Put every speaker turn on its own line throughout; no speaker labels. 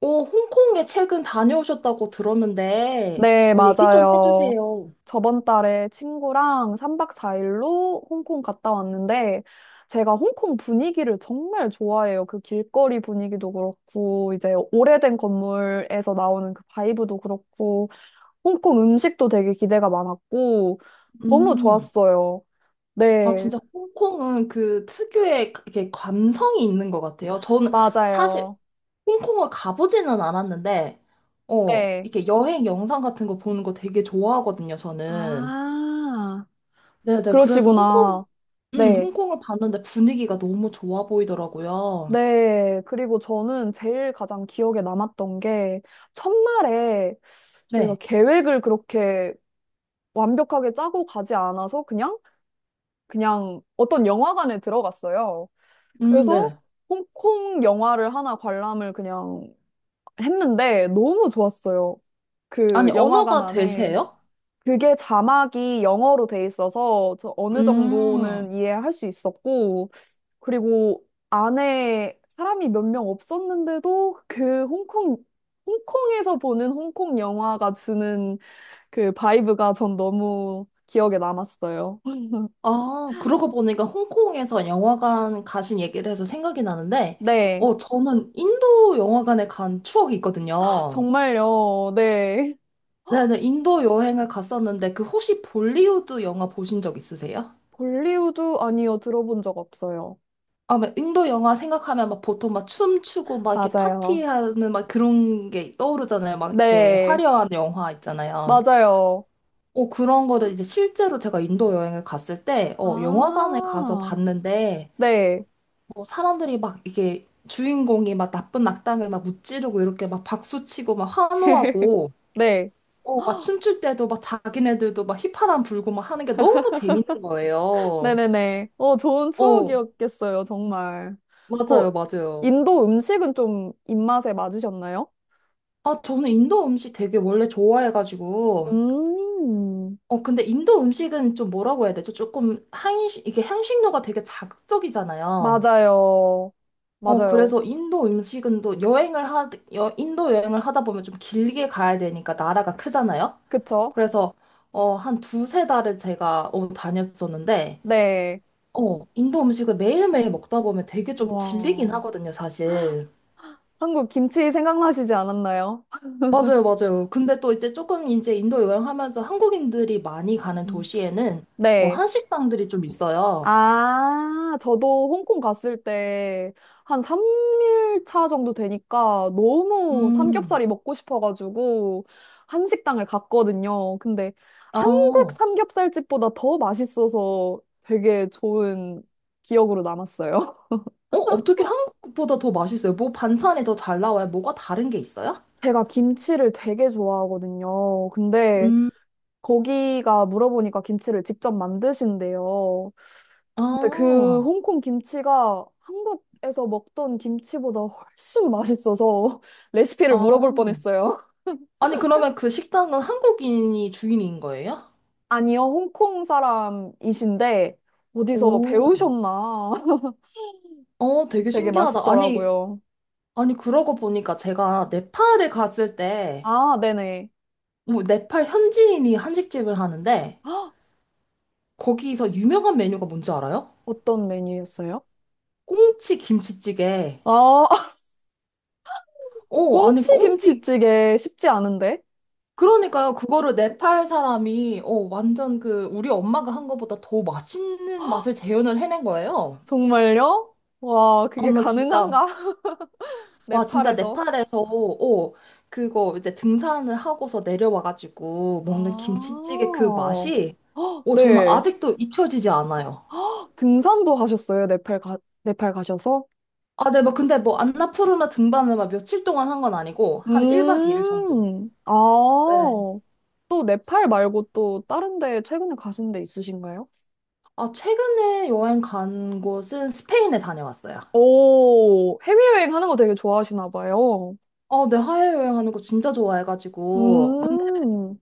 오, 홍콩에 최근 다녀오셨다고 들었는데,
네,
얘기 좀
맞아요.
해주세요.
저번 달에 친구랑 3박 4일로 홍콩 갔다 왔는데, 제가 홍콩 분위기를 정말 좋아해요. 그 길거리 분위기도 그렇고, 이제 오래된 건물에서 나오는 그 바이브도 그렇고, 홍콩 음식도 되게 기대가 많았고, 너무
음,
좋았어요.
아,
네,
진짜 홍콩은 그 특유의 이렇게 감성이 있는 것 같아요. 저는 사실
맞아요.
홍콩을 가보지는 않았는데,
네.
이렇게 여행 영상 같은 거 보는 거 되게 좋아하거든요, 저는.
아,
네네, 그래서
그러시구나. 네.
홍콩을 봤는데 분위기가 너무 좋아 보이더라고요.
네, 그리고 저는 제일 가장 기억에 남았던 게 첫날에 저희가
네,
계획을 그렇게 완벽하게 짜고 가지 않아서 그냥 어떤 영화관에 들어갔어요. 그래서
네.
홍콩 영화를 하나 관람을 그냥 했는데 너무 좋았어요.
아니,
그 영화관
언어가
안에
되세요?
그게 자막이 영어로 돼 있어서 저 어느
음.
정도는 이해할 수 있었고, 그리고 안에 사람이 몇 명 없었는데도 그 홍콩에서 보는 홍콩 영화가 주는 그 바이브가 전 너무 기억에 남았어요.
아, 그러고 보니까 홍콩에서 영화관 가신 얘기를 해서 생각이 나는데,
네.
저는 인도 영화관에 간 추억이 있거든요.
정말요. 네.
네네, 인도 여행을 갔었는데, 그 혹시 볼리우드 영화 보신 적 있으세요?
볼리우드, 아니요. 들어본 적 없어요.
아, 막 인도 영화 생각하면 막 보통 막 춤추고 막 이렇게
맞아요.
파티하는 막 그런 게 떠오르잖아요. 막 이렇게
네.
화려한 영화 있잖아요.
맞아요.
그런 거를 이제 실제로 제가 인도 여행을 갔을 때, 영화관에 가서
아.
봤는데,
네.
뭐 사람들이 막 이게 주인공이 막 나쁜 악당을 막 무찌르고 이렇게 막 박수치고 막 환호하고
네.
막 춤출 때도 막 자기네들도 막 휘파람 불고 막 하는 게 너무 재밌는 거예요.
네네네. 어, 좋은
어,
추억이었겠어요, 정말. 그,
맞아요, 맞아요.
인도 음식은 좀 입맛에 맞으셨나요?
아, 저는 인도 음식 되게 원래 좋아해가지고
음,
근데 인도 음식은 좀 뭐라고 해야 되죠? 조금 이게 향신료가 되게 자극적이잖아요.
맞아요. 맞아요.
그래서 인도 음식은 또 인도 여행을 하다 보면 좀 길게 가야 되니까 나라가 크잖아요?
그쵸?
그래서 한 두세 달을 제가 다녔었는데
네.
인도 음식을 매일매일 먹다 보면 되게 좀 질리긴
와,
하거든요, 사실.
한국 김치 생각나시지 않았나요?
맞아요, 맞아요. 근데 또 이제 조금 이제 인도 여행하면서 한국인들이 많이 가는
음.
도시에는
네.
한식당들이 좀 있어요.
아, 저도 홍콩 갔을 때 한 3일 차 정도 되니까 너무
음,
삼겹살이 먹고 싶어가지고 한식당을 갔거든요. 근데
어,
한국
어,
삼겹살집보다 더 맛있어서 되게 좋은 기억으로 남았어요.
어떻게 한국보다 더 맛있어요? 뭐 반찬이 더 잘 나와요? 뭐가 다른 게 있어요?
제가 김치를 되게 좋아하거든요. 근데
음,
거기가 물어보니까 김치를 직접 만드신대요. 근데 그
아,
홍콩 김치가 한국에서 먹던 김치보다 훨씬 맛있어서 레시피를 물어볼
아.
뻔했어요.
아니, 그러면 그 식당은 한국인이 주인인 거예요?
아니요, 홍콩 사람이신데 어디서
오.
배우셨나?
되게
되게
신기하다. 아니,
맛있더라고요.
아니, 그러고 보니까 제가 네팔에 갔을 때,
아, 네네.
뭐, 네팔 현지인이 한식집을 하는데,
헉,
거기서 유명한 메뉴가 뭔지 알아요?
어떤 메뉴였어요?
꽁치 김치찌개.
아,
아니,
꽁치
꽁치,
김치찌개 쉽지 않은데?
그러니까요. 그거를 네팔 사람이, 완전 그, 우리 엄마가 한 거보다 더 맛있는 맛을 재현을 해낸 거예요.
정말요? 와,
아,
그게
나 진짜.
가능한가?
와, 진짜
네팔에서.
네팔에서, 그거 이제 등산을 하고서 내려와가지고 먹는
아,
김치찌개 그 맛이,
헉,
저는
네.
아직도 잊혀지지 않아요.
등산도 하셨어요? 네팔 가셔서?
아, 네, 뭐 근데 뭐 안나푸르나 등반을 막 며칠 동안 한 건 아니고, 한 1박 2일 정도.
아,
네.
또 네팔 말고 또 다른 데 최근에 가신 데 있으신가요?
아, 최근에 여행 간 곳은 스페인에 다녀왔어요.
오, 해외여행 하는 거 되게 좋아하시나 봐요.
어, 네, 해외여행하는 거 진짜 좋아해가지고.
음,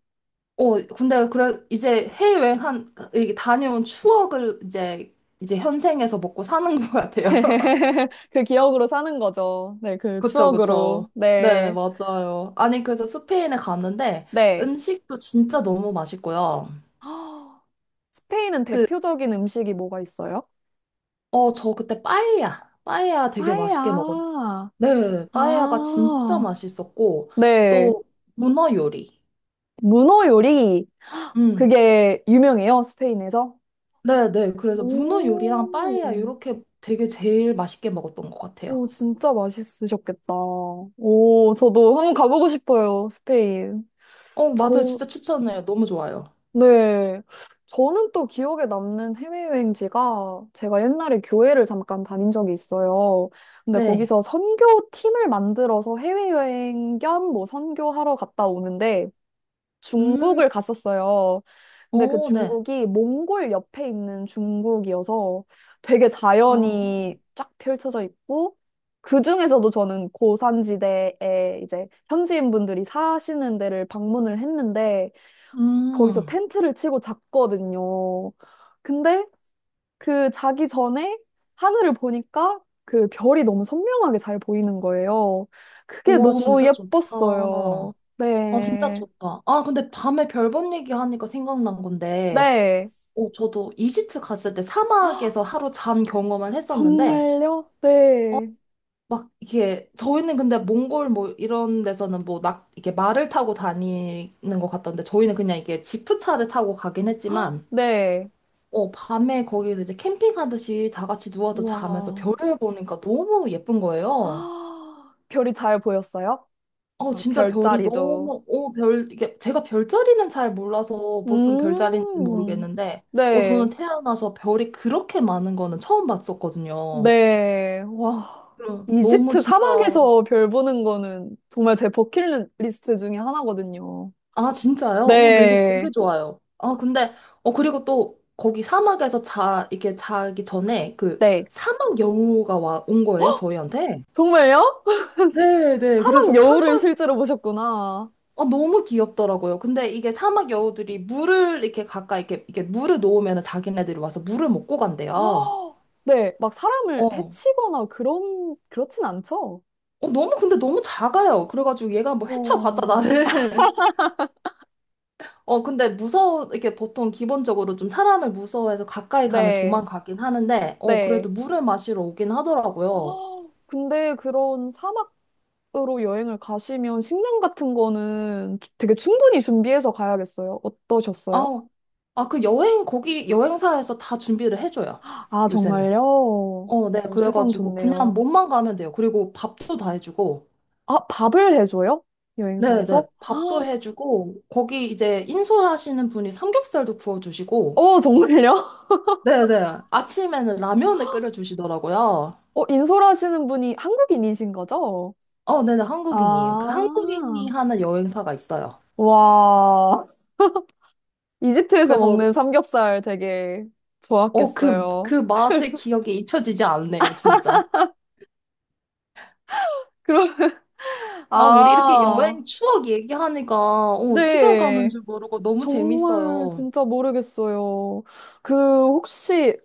근데 그래, 이제 이게 다녀온 추억을 이제, 이제 현생에서 먹고 사는 것 같아요.
그 기억으로 사는 거죠. 네, 그
그쵸,
추억으로.
그쵸. 네,
네,
맞아요. 아니, 그래서 스페인에 갔는데
네.
음식도 진짜 너무 맛있고요.
스페인은
그,
대표적인 음식이 뭐가 있어요?
저 그때 빠에야 되게 맛있게 먹었.
파에야.
네, 빠에야가 진짜
아,
맛있었고,
네.
또 문어 요리.
문어 요리.
음,
그게 유명해요, 스페인에서?
네, 네. 그래서 문어 요리랑 빠에야
오,
이렇게 되게 제일 맛있게 먹었던 것 같아요.
오, 진짜 맛있으셨겠다. 오, 저도 한번 가보고 싶어요, 스페인.
어, 맞아요.
저,
진짜 추천해요. 너무 좋아요.
네. 저는 또 기억에 남는 해외여행지가, 제가 옛날에 교회를 잠깐 다닌 적이 있어요. 근데
네.
거기서 선교 팀을 만들어서 해외여행 겸 뭐 선교하러 갔다 오는데
음,
중국을 갔었어요. 근데 그
어, 네.
중국이 몽골 옆에 있는 중국이어서 되게
어,
자연이 쫙 펼쳐져 있고, 그 중에서도 저는 고산지대에 이제 현지인분들이 사시는 데를 방문을 했는데 거기서
음.
텐트를 치고 잤거든요. 근데 그 자기 전에 하늘을 보니까 그 별이 너무 선명하게 잘 보이는 거예요. 그게
우와,
너무
진짜 좋다.
예뻤어요.
아, 진짜
네.
좋다. 아, 근데 밤에 별본 얘기하니까 생각난 건데,
네.
저도 이집트 갔을 때
아,
사막에서 하루 잔 경험을 했었는데,
정말요? 네.
막 이게, 저희는 근데 몽골 뭐 이런 데서는 뭐 이게 말을 타고 다니는 것 같던데, 저희는 그냥 이게 지프차를 타고 가긴
아,
했지만,
네.
밤에 거기서 이제 캠핑하듯이 다 같이 누워서 자면서
와.
별을 보니까 너무 예쁜 거예요.
아, 별이 잘 보였어요? 막
진짜 별이
별자리도.
너무, 이게, 제가 별자리는 잘 몰라서 무슨 별자리인지
음.
모르겠는데,
네.
저는 태어나서 별이 그렇게 많은 거는 처음 봤었거든요.
네. 와.
응, 너무
이집트
진짜,
사막에서 별 보는 거는 정말 제 버킷리스트 중에 하나거든요.
아, 진짜요? 어머, 이거 되게
네.
좋아요. 아, 근데, 그리고 또, 거기 사막에서 이게 자기 전에 그
네.
사막 여우가 온 거예요, 저희한테.
정말요?
네, 네.
사막
그래서
여우를
사막
실제로 보셨구나.
너무 귀엽더라고요. 근데 이게 사막 여우들이 물을 이렇게 가까이 이렇게, 이렇게 물을 놓으면 자기네들이 와서 물을 먹고 간대요.
아, 네. 막 사람을
어.
해치거나 그런, 그렇진 않죠?
너무 근데 너무 작아요. 그래가지고 얘가 뭐 헤쳐봤자
어,
나를. 근데 무서워 이렇게 보통 기본적으로 좀 사람을 무서워해서 가까이 가면
네,
도망가긴 하는데, 그래도
네.
물을 마시러 오긴 하더라고요.
헉, 근데 그런 사막으로 여행을 가시면 식량 같은 거는 되게 충분히 준비해서 가야겠어요. 어떠셨어요?
아, 아, 그 여행 거기 여행사에서 다 준비를 해줘요.
아,
요새는.
정말요?
어, 네.
어, 세상
그래가지고 그냥
좋네요.
몸만 가면 돼요. 그리고 밥도 다 해주고.
아, 밥을 해줘요?
네네.
여행사에서?
밥도
아,
해주고, 거기 이제 인솔하시는 분이 삼겹살도 구워주시고,
어, 정말요?
네네. 아침에는 라면을 끓여주시더라고요.
어, 인솔하시는 분이 한국인이신 거죠?
어, 네네. 한국인이에요. 그 한국인이
아,
하는 여행사가 있어요.
와. 이집트에서
그래서,
먹는 삼겹살 되게
그,
좋았겠어요.
그 맛의 기억이 잊혀지지 않네요, 진짜.
그럼,
아, 우리 이렇게
아.
여행 추억 얘기하니까, 시간 가는
네.
줄 모르고 너무
정말
재밌어요.
진짜 모르겠어요. 그, 혹시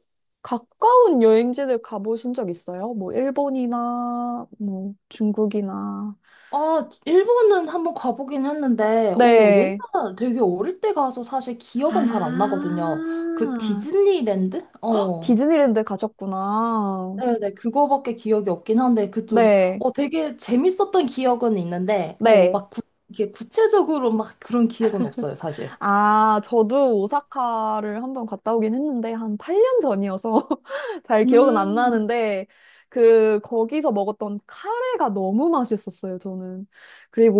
가까운 여행지들 가보신 적 있어요? 뭐 일본이나 뭐 중국이나.
아, 일본은 한번 가보긴 했는데, 오, 옛날
네.
되게 어릴 때 가서 사실 기억은 잘 안 나거든요. 그
아.
디즈니랜드?
헉,
어.
디즈니랜드 가셨구나.
네네, 그거밖에 기억이 없긴 한데, 그 좀,
네.
되게 재밌었던 기억은 있는데,
네.
이게 구체적으로 막 그런 기억은 없어요, 사실.
아, 저도 오사카를 한번 갔다 오긴 했는데, 한 8년 전이어서 잘 기억은 안
음,
나는데, 그, 거기서 먹었던 카레가 너무 맛있었어요, 저는.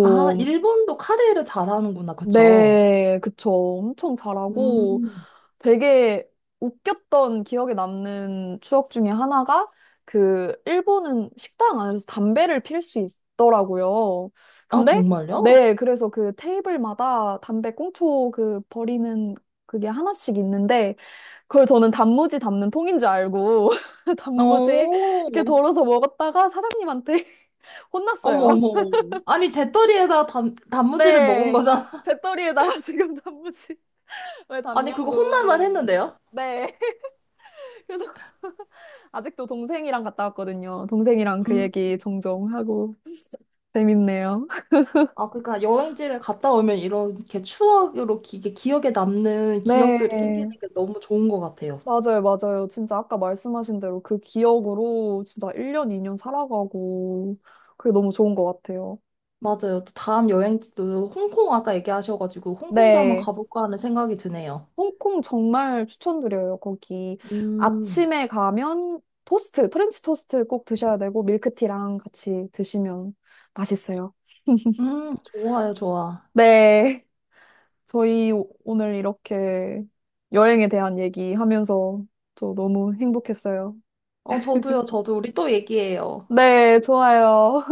아, 일본도 카레를 잘하는구나, 그쵸?
네, 그쵸. 엄청 잘하고
음,
되게 웃겼던 기억에 남는 추억 중에 하나가, 그 일본은 식당 안에서 담배를 필 수 있더라고요.
아,
근데
정말요?
네, 그래서 그 테이블마다 담배 꽁초 그 버리는 그게 하나씩 있는데 그걸 저는 단무지 담는 통인 줄 알고 단무지
어,
이렇게 덜어서 먹었다가 사장님한테
어머,
혼났어요.
어머. 아니, 제떨이에다 단, 단무지를 먹은
네.
거잖아.
배터리에다가 지금 단무지 왜
아니, 그거 혼날만
닮냐고.
했는데요?
네. 그래서 아직도. 동생이랑 갔다 왔거든요. 동생이랑 그
음.
얘기 종종 하고. 재밌네요.
아, 그러니까 여행지를 갔다 오면 이렇게 추억으로 이게 기억에 남는
네.
기억들이 생기는 게 너무 좋은 것 같아요.
맞아요, 맞아요. 진짜 아까 말씀하신 대로 그 기억으로 진짜 1년, 2년 살아가고 그게 너무 좋은 것 같아요.
맞아요. 또 다음 여행지도 홍콩 아까 얘기하셔가지고 홍콩도 한번
네.
가볼까 하는 생각이 드네요.
홍콩 정말 추천드려요. 거기
음,
아침에 가면 토스트, 프렌치 토스트 꼭 드셔야 되고 밀크티랑 같이 드시면 맛있어요.
좋아요, 좋아.
네. 저희 오늘 이렇게 여행에 대한 얘기하면서 저 너무 행복했어요.
어, 저도요, 저도 우리 또 얘기해요.
네, 좋아요.